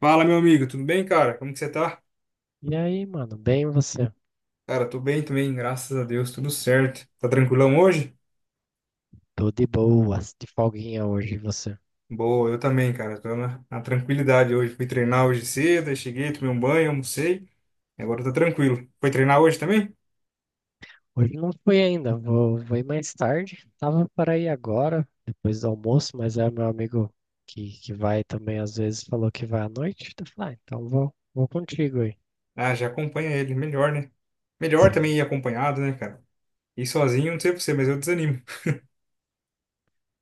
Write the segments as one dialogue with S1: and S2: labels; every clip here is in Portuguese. S1: Fala, meu amigo, tudo bem, cara? Como que você tá?
S2: E aí, mano, bem você?
S1: Cara, tô bem também, graças a Deus, tudo certo. Tá tranquilão hoje?
S2: Tô de boas, de folguinha hoje, e você?
S1: Boa, eu também, cara, tô na tranquilidade hoje. Fui treinar hoje cedo, aí cheguei, tomei um banho, almocei, e agora tá tranquilo. Foi treinar hoje também?
S2: Hoje não fui ainda, vou ir mais tarde. Tava para ir agora, depois do almoço, mas é meu amigo que vai também às vezes, falou que vai à noite. Então, eu falei, ah, então vou contigo aí.
S1: Ah, já acompanha ele, melhor, né? Melhor
S2: Sim.
S1: também ir acompanhado, né, cara? Ir sozinho, não sei pra você, mas eu desanimo.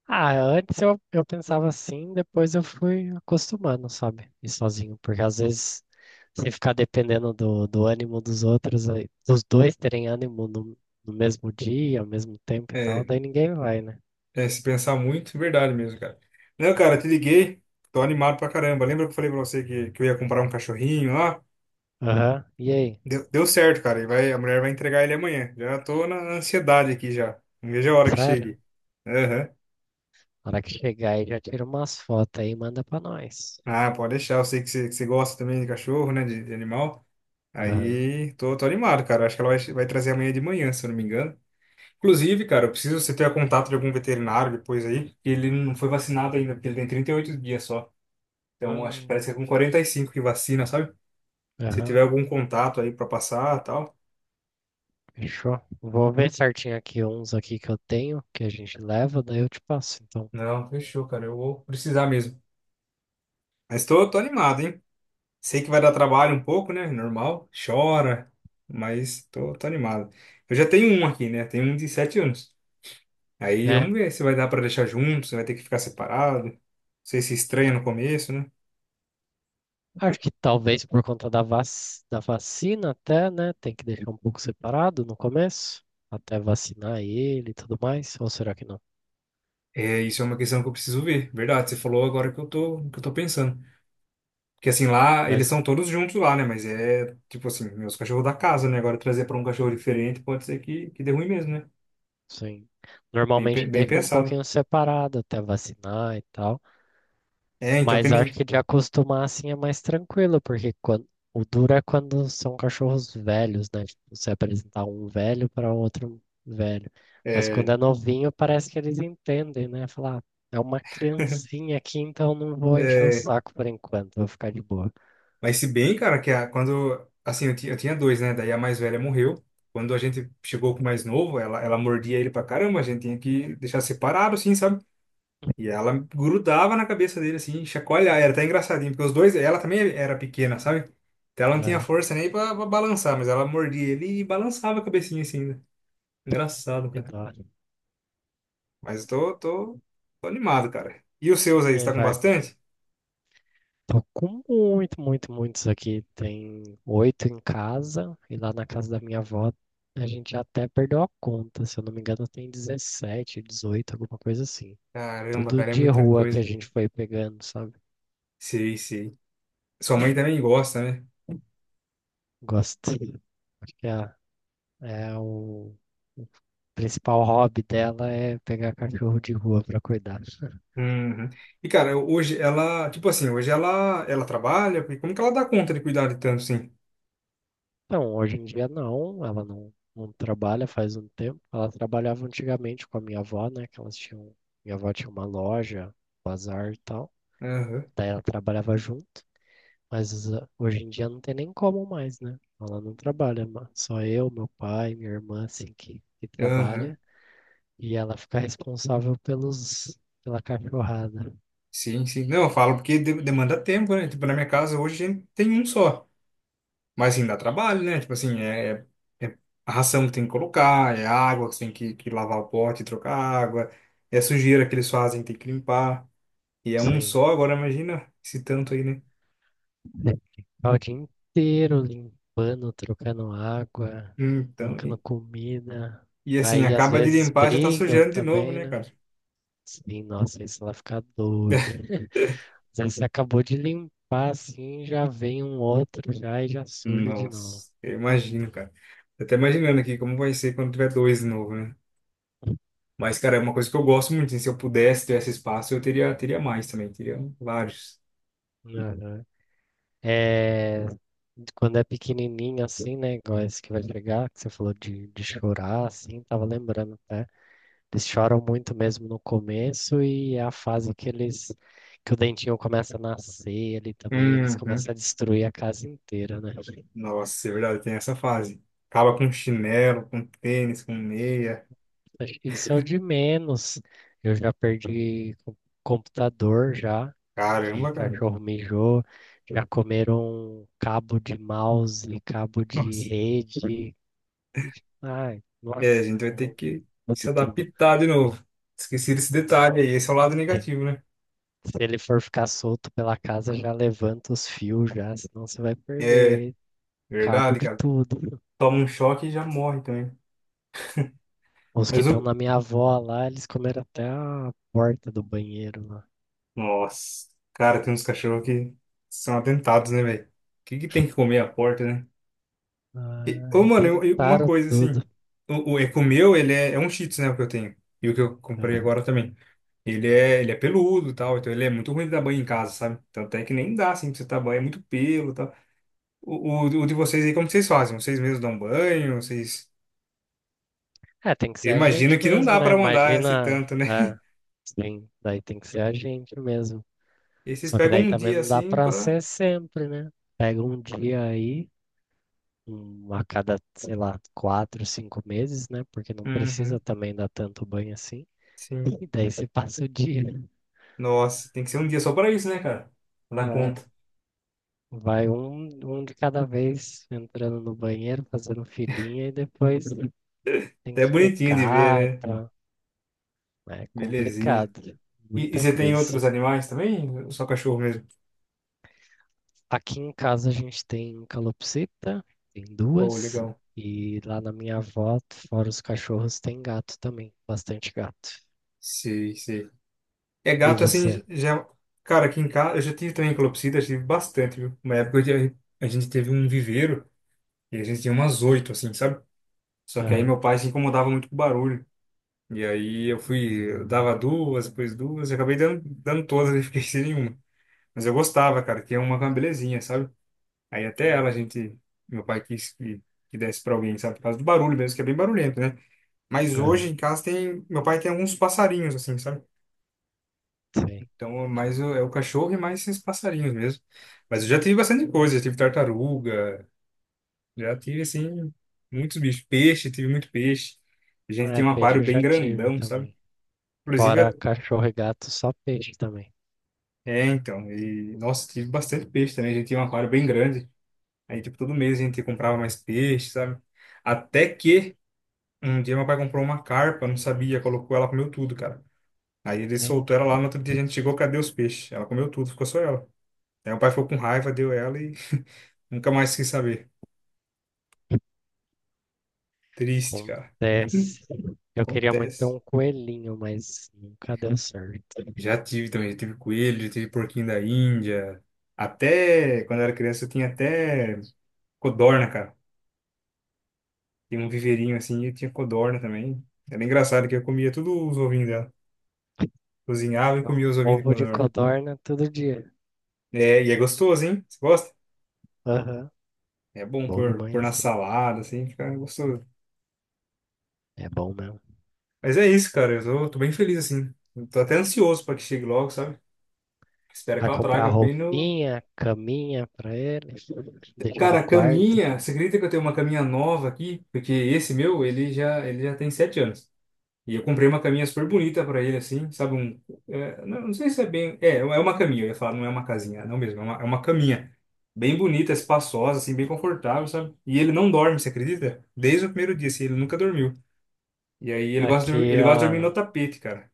S2: Ah, antes eu pensava assim, depois eu fui acostumando, sabe? Ir sozinho, porque às vezes você ficar dependendo do ânimo dos outros, dos dois terem ânimo no mesmo dia, ao mesmo tempo e tal,
S1: É,
S2: daí ninguém vai, né?
S1: é, se pensar muito, é verdade mesmo, cara. Não, cara, te liguei, tô animado pra caramba. Lembra que eu falei pra você que eu ia comprar um cachorrinho lá?
S2: Aham. E aí?
S1: Deu certo, cara. A mulher vai entregar ele amanhã. Já tô na ansiedade aqui já. Não vejo a hora que
S2: Sério?
S1: chegue. Aham.
S2: Na hora que chegar aí já tira umas fotos aí e manda pra nós.
S1: Ah, pode deixar. Eu sei que você gosta também de cachorro, né? De animal.
S2: Aham.
S1: Aí tô animado, cara. Acho que ela vai trazer amanhã de manhã, se eu não me engano. Inclusive, cara, eu preciso você ter contato de algum veterinário depois aí. Que Ele não foi vacinado ainda, porque ele tem 38 dias só. Então, acho que parece que é
S2: Hum.
S1: com 45 que vacina, sabe? Se tiver
S2: Aham.
S1: algum contato aí pra passar, e tal.
S2: Fechou. Vou ver certinho aqui uns aqui que eu tenho, que a gente leva, daí eu te passo, então.
S1: Não, fechou, cara. Eu vou precisar mesmo. Mas tô animado, hein? Sei que vai dar trabalho um pouco, né? Normal, chora, mas tô animado. Eu já tenho um aqui, né? Tenho um de 7 anos. Aí vamos
S2: É.
S1: ver se vai dar pra deixar junto, se vai ter que ficar separado. Não sei se estranha no começo, né?
S2: Acho que talvez por conta da vac... Da vacina até, né? Tem que deixar um pouco separado no começo, até vacinar ele e tudo mais. Ou será que não?
S1: É, isso é uma questão que eu preciso ver. Verdade, você falou agora que eu tô pensando. Porque assim, lá, eles
S2: Mas,
S1: são todos juntos lá, né? Mas é, tipo assim, meus cachorros da casa, né? Agora trazer pra um cachorro diferente pode ser que dê ruim mesmo, né?
S2: sim,
S1: Bem, pe-
S2: normalmente
S1: bem
S2: deixa um
S1: pensado.
S2: pouquinho separado até vacinar e tal.
S1: É, então, que
S2: Mas acho
S1: nem.
S2: que de acostumar assim é mais tranquilo, porque quando, o duro é quando são cachorros velhos, né? Tipo, você apresentar um velho para outro velho. Mas
S1: É,
S2: quando é novinho, parece que eles entendem, né? Falar, "Ah, é uma criancinha aqui, então não vou encher o
S1: é.
S2: saco por enquanto, vou ficar de boa."
S1: Mas se bem, cara, que quando. Assim, eu tinha dois, né? Daí a mais velha morreu. Quando a gente chegou com o mais novo, ela mordia ele pra caramba. A gente tinha que deixar separado, assim, sabe? E ela grudava na cabeça dele, assim, chacoalhar. Era até engraçadinho, porque os dois. Ela também era pequena, sabe? Então ela não tinha
S2: Ah,
S1: força nem pra balançar, mas ela mordia ele e balançava a cabecinha, assim, né? Engraçado,
S2: que
S1: cara.
S2: dó.
S1: Mas eu tô animado, cara. E os seus aí,
S2: E
S1: você
S2: aí
S1: tá com
S2: vai.
S1: bastante?
S2: Tô com muitos aqui. Tem 8 em casa e lá na casa da minha avó a gente já até perdeu a conta. Se eu não me engano, tem 17, 18, alguma coisa assim.
S1: Caramba,
S2: Tudo
S1: cara, é
S2: de
S1: muita
S2: rua que a
S1: coisa.
S2: gente foi pegando, sabe?
S1: Sei, sei. Sua mãe também gosta, né?
S2: Gosto. Acho que o principal hobby dela é pegar cachorro de rua pra cuidar.
S1: Uhum. E cara, hoje ela, tipo assim, hoje ela trabalha, porque como que ela dá conta de cuidar de tanto assim?
S2: Então, hoje em dia não, ela não trabalha faz um tempo. Ela trabalhava antigamente com a minha avó, né? Que elas tinham, minha avó tinha uma loja, bazar e tal.
S1: Aham,
S2: Daí ela trabalhava junto, mas ah, hoje em dia não tem nem como mais, né? Ela não trabalha, só eu, meu pai, minha irmã, assim, que
S1: aham.
S2: trabalha. E ela fica responsável pela cachorrada.
S1: Sim, sim. Não, eu falo porque demanda tempo, né? Tipo, na minha casa hoje a gente tem um só. Mas assim, dá trabalho, né? Tipo assim, é a ração que tem que colocar, é a água que você tem que lavar o pote, trocar a água, é a sujeira que eles fazem, tem que limpar. E é um
S2: Sim.
S1: só, agora imagina esse tanto aí, né?
S2: Ficar o dia inteiro limpando, trocando água,
S1: Então,
S2: colocando
S1: e,
S2: comida.
S1: e assim,
S2: Aí às
S1: acaba de
S2: vezes
S1: limpar, já tá
S2: brigam
S1: sujando de novo,
S2: também,
S1: né,
S2: né?
S1: cara?
S2: Sim, nossa, isso ela fica doida. Mas aí você acabou de limpar assim, já vem um outro já e já surge de novo.
S1: Nossa, eu imagino, cara. Tô até imaginando aqui como vai ser quando tiver dois de novo, né? Mas, cara, é uma coisa que eu gosto muito, hein? Se eu pudesse ter esse espaço, eu teria mais também. Teria vários.
S2: Aham. É, quando é pequenininho assim, né? Igual esse que vai chegar, que você falou de chorar assim, tava lembrando até. Eles choram muito mesmo no começo e é a fase que o dentinho começa a nascer ali também, eles
S1: Uhum.
S2: começam a destruir a casa inteira, né?
S1: Nossa, é verdade, tem essa fase. Acaba com chinelo, com tênis, com meia.
S2: Acho que isso é o de menos. Eu já perdi co- computador já, que
S1: Caramba, cara.
S2: cachorro mijou, já comeram cabo de mouse, cabo de
S1: Nossa.
S2: rede. Ai,
S1: É, a
S2: nossa,
S1: gente
S2: é
S1: vai ter
S2: muito
S1: que se
S2: de tudo.
S1: adaptar de novo. Esqueci desse detalhe aí. Esse é o lado
S2: Tem.
S1: negativo, né?
S2: Se ele for ficar solto pela casa, já levanta os fios já, senão você vai
S1: É,
S2: perder cabo
S1: verdade,
S2: de
S1: cara.
S2: tudo.
S1: Toma um choque e já morre também.
S2: Os que
S1: Mas
S2: estão
S1: o,
S2: na minha avó lá, eles comeram até a porta do banheiro lá.
S1: Nossa, cara, tem uns cachorros que são atentados, né, velho? O que que tem que comer à porta, né? E,
S2: Ah,
S1: ô, mano, uma
S2: arrebentaram
S1: coisa assim,
S2: tudo.
S1: o Eco meu, ele é um Shih Tzu, né, o que eu tenho. E o que eu comprei
S2: Aham.
S1: agora também. Ele é peludo e tal, então ele é muito ruim de dar banho em casa, sabe? Então até que nem dá, assim, pra você dar banho, é muito pelo e tal. O, o de vocês aí, como que vocês fazem? Vocês mesmos dão banho? Vocês.
S2: É, tem que ser
S1: Eu
S2: a
S1: imagino
S2: gente
S1: que não
S2: mesmo,
S1: dá
S2: né?
S1: pra mandar esse
S2: Imagina.
S1: tanto, né?
S2: É, sim, daí tem que ser a gente mesmo.
S1: E vocês
S2: Só que
S1: pegam
S2: daí
S1: um
S2: também
S1: dia,
S2: não dá
S1: assim,
S2: pra
S1: pra.
S2: ser sempre, né? Pega um dia aí, um, a cada, sei lá, quatro, cinco meses, né? Porque não precisa
S1: Uhum,
S2: também dar tanto banho assim.
S1: sim.
S2: E daí você passa o dia.
S1: Nossa, tem que ser um dia só para isso, né, cara? Dá
S2: É.
S1: conta.
S2: Vai um de cada vez entrando no banheiro, fazendo filinha e depois tem
S1: Até é
S2: que
S1: bonitinho de
S2: secar e
S1: ver, né?
S2: tal. É
S1: Belezinha.
S2: complicado,
S1: E
S2: muita
S1: você tem
S2: coisa.
S1: outros animais também? Ou só cachorro mesmo.
S2: Aqui em casa a gente tem calopsita, tem
S1: Pô,
S2: duas,
S1: legal.
S2: e lá na minha avó, fora os cachorros, tem gato também, bastante gato.
S1: Sei, sei. É
S2: E
S1: gato
S2: você?
S1: assim, já. Cara, aqui em casa, eu já tive também calopsita, já tive bastante, viu? Uma época a gente teve um viveiro e a gente tinha umas oito, assim, sabe? Só que aí
S2: Aham.
S1: meu pai se incomodava muito com o barulho. E aí eu dava duas, depois duas, e acabei dando todas e fiquei sem nenhuma. Mas eu gostava, cara, que é uma belezinha, sabe? Aí até
S2: Uhum.
S1: meu pai quis que desse para alguém, sabe? Por causa do barulho mesmo, que é bem barulhento, né? Mas hoje
S2: Aham.
S1: em casa meu pai tem alguns passarinhos, assim, sabe?
S2: Sei.
S1: Então, mais é o cachorro e mais esses passarinhos mesmo. Mas eu já tive bastante coisa, já tive tartaruga, já tive, assim, muitos bichos. Peixe, tive muito peixe. A gente
S2: É,
S1: tem um
S2: peixe
S1: aquário
S2: eu
S1: bem
S2: já tive
S1: grandão, sabe?
S2: também. Fora
S1: Inclusive,
S2: cachorro e gato, só peixe também.
S1: é, então, e, nossa, tive bastante peixe também, a gente tinha um aquário bem grande. Aí, tipo, todo mês a gente comprava mais peixe, sabe? Até que um dia meu pai comprou uma carpa, não sabia, colocou ela, comeu tudo, cara. Aí ele
S2: Nem.
S1: soltou ela lá, no outro dia a gente chegou, cadê os peixes? Ela comeu tudo, ficou só ela. Aí meu pai ficou com raiva, deu ela e nunca mais quis saber. Triste, cara.
S2: Acontece. Eu queria muito ter
S1: Acontece.
S2: um coelhinho, mas nunca deu certo.
S1: Já tive também, já tive coelho, já tive porquinho da Índia. Até quando eu era criança eu tinha até codorna, cara. Tinha um
S2: Uhum.
S1: viveirinho assim e tinha codorna também. Era engraçado que eu comia tudo os ovinhos dela. Cozinhava e comia os ovinhos de
S2: Ovo de
S1: codorna.
S2: codorna todo dia.
S1: É, e é gostoso, hein? Você gosta?
S2: Aham.
S1: É bom
S2: Bom
S1: pôr na
S2: demais.
S1: salada, assim, fica gostoso.
S2: É bom mesmo.
S1: Mas é isso, cara. Eu tô bem feliz, assim. Eu tô até ansioso pra que chegue logo, sabe? Espero que
S2: Vai
S1: ela
S2: comprar
S1: traga bem no.
S2: roupinha, caminha pra ele, deixar
S1: Cara,
S2: no
S1: a
S2: quarto.
S1: caminha. Você acredita que eu tenho uma caminha nova aqui? Porque esse meu, ele já tem 7 anos. E eu comprei uma caminha super bonita pra ele, assim, sabe? Um, é, não, não sei se é bem. É uma caminha, eu ia falar, não é uma casinha, não mesmo. É uma caminha. Bem bonita, espaçosa, assim, bem confortável, sabe? E ele não dorme, você acredita? Desde o primeiro dia, assim, ele nunca dormiu. E aí
S2: Aqui,
S1: ele gosta de dormir no
S2: a,
S1: tapete, cara.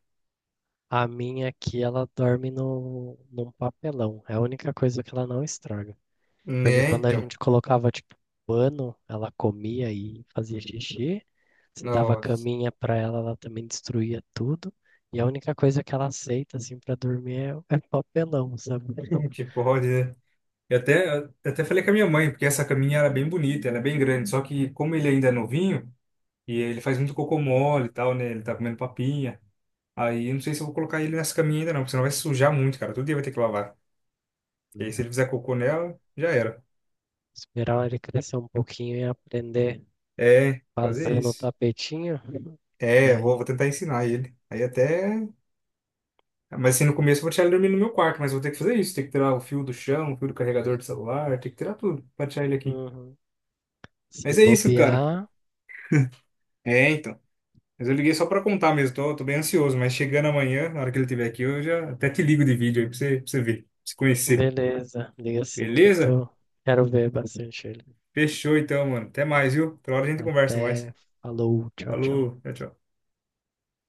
S2: a minha aqui, ela dorme no, num papelão. É a única coisa que ela não estraga. Porque
S1: Né,
S2: quando a
S1: então.
S2: gente colocava, tipo, pano, ela comia e fazia xixi. Se dava
S1: Nossa,
S2: caminha pra ela, ela também destruía tudo. E a única coisa que ela aceita, assim, pra dormir é papelão, sabe?
S1: como que pode, né? Eu até falei com a minha mãe, porque essa caminha era bem bonita, ela é bem grande, só que como ele ainda é novinho, e ele faz muito cocô mole e tal, né? Ele tá comendo papinha. Aí eu não sei se eu vou colocar ele nessa caminha ainda não, porque senão vai sujar muito, cara. Todo dia vai ter que lavar. E aí se ele fizer cocô nela, já era.
S2: Esperar ele crescer um pouquinho e aprender
S1: É, fazer
S2: fazendo o
S1: isso.
S2: tapetinho.
S1: É, eu vou,
S2: Daí,
S1: vou tentar ensinar ele. Aí até Mas assim, no começo eu vou tirar ele dormir no meu quarto, mas eu vou ter que fazer isso. Tem que tirar o fio do chão, o fio do carregador do celular, tem que tirar tudo pra tirar ele aqui.
S2: uhum. Se
S1: Mas é isso, cara.
S2: bobear,
S1: É, então. Mas eu liguei só pra contar mesmo, tô bem ansioso, mas chegando amanhã, na hora que ele estiver aqui, eu já até te ligo de vídeo aí pra você ver, pra você conhecer.
S2: beleza. Liga assim que eu
S1: Beleza?
S2: tô. Quero ver bastante ele.
S1: Fechou então, mano. Até mais, viu? Outra hora a gente conversa mais.
S2: Até. Falou, tchau, tchau.
S1: Falou, tchau, tchau.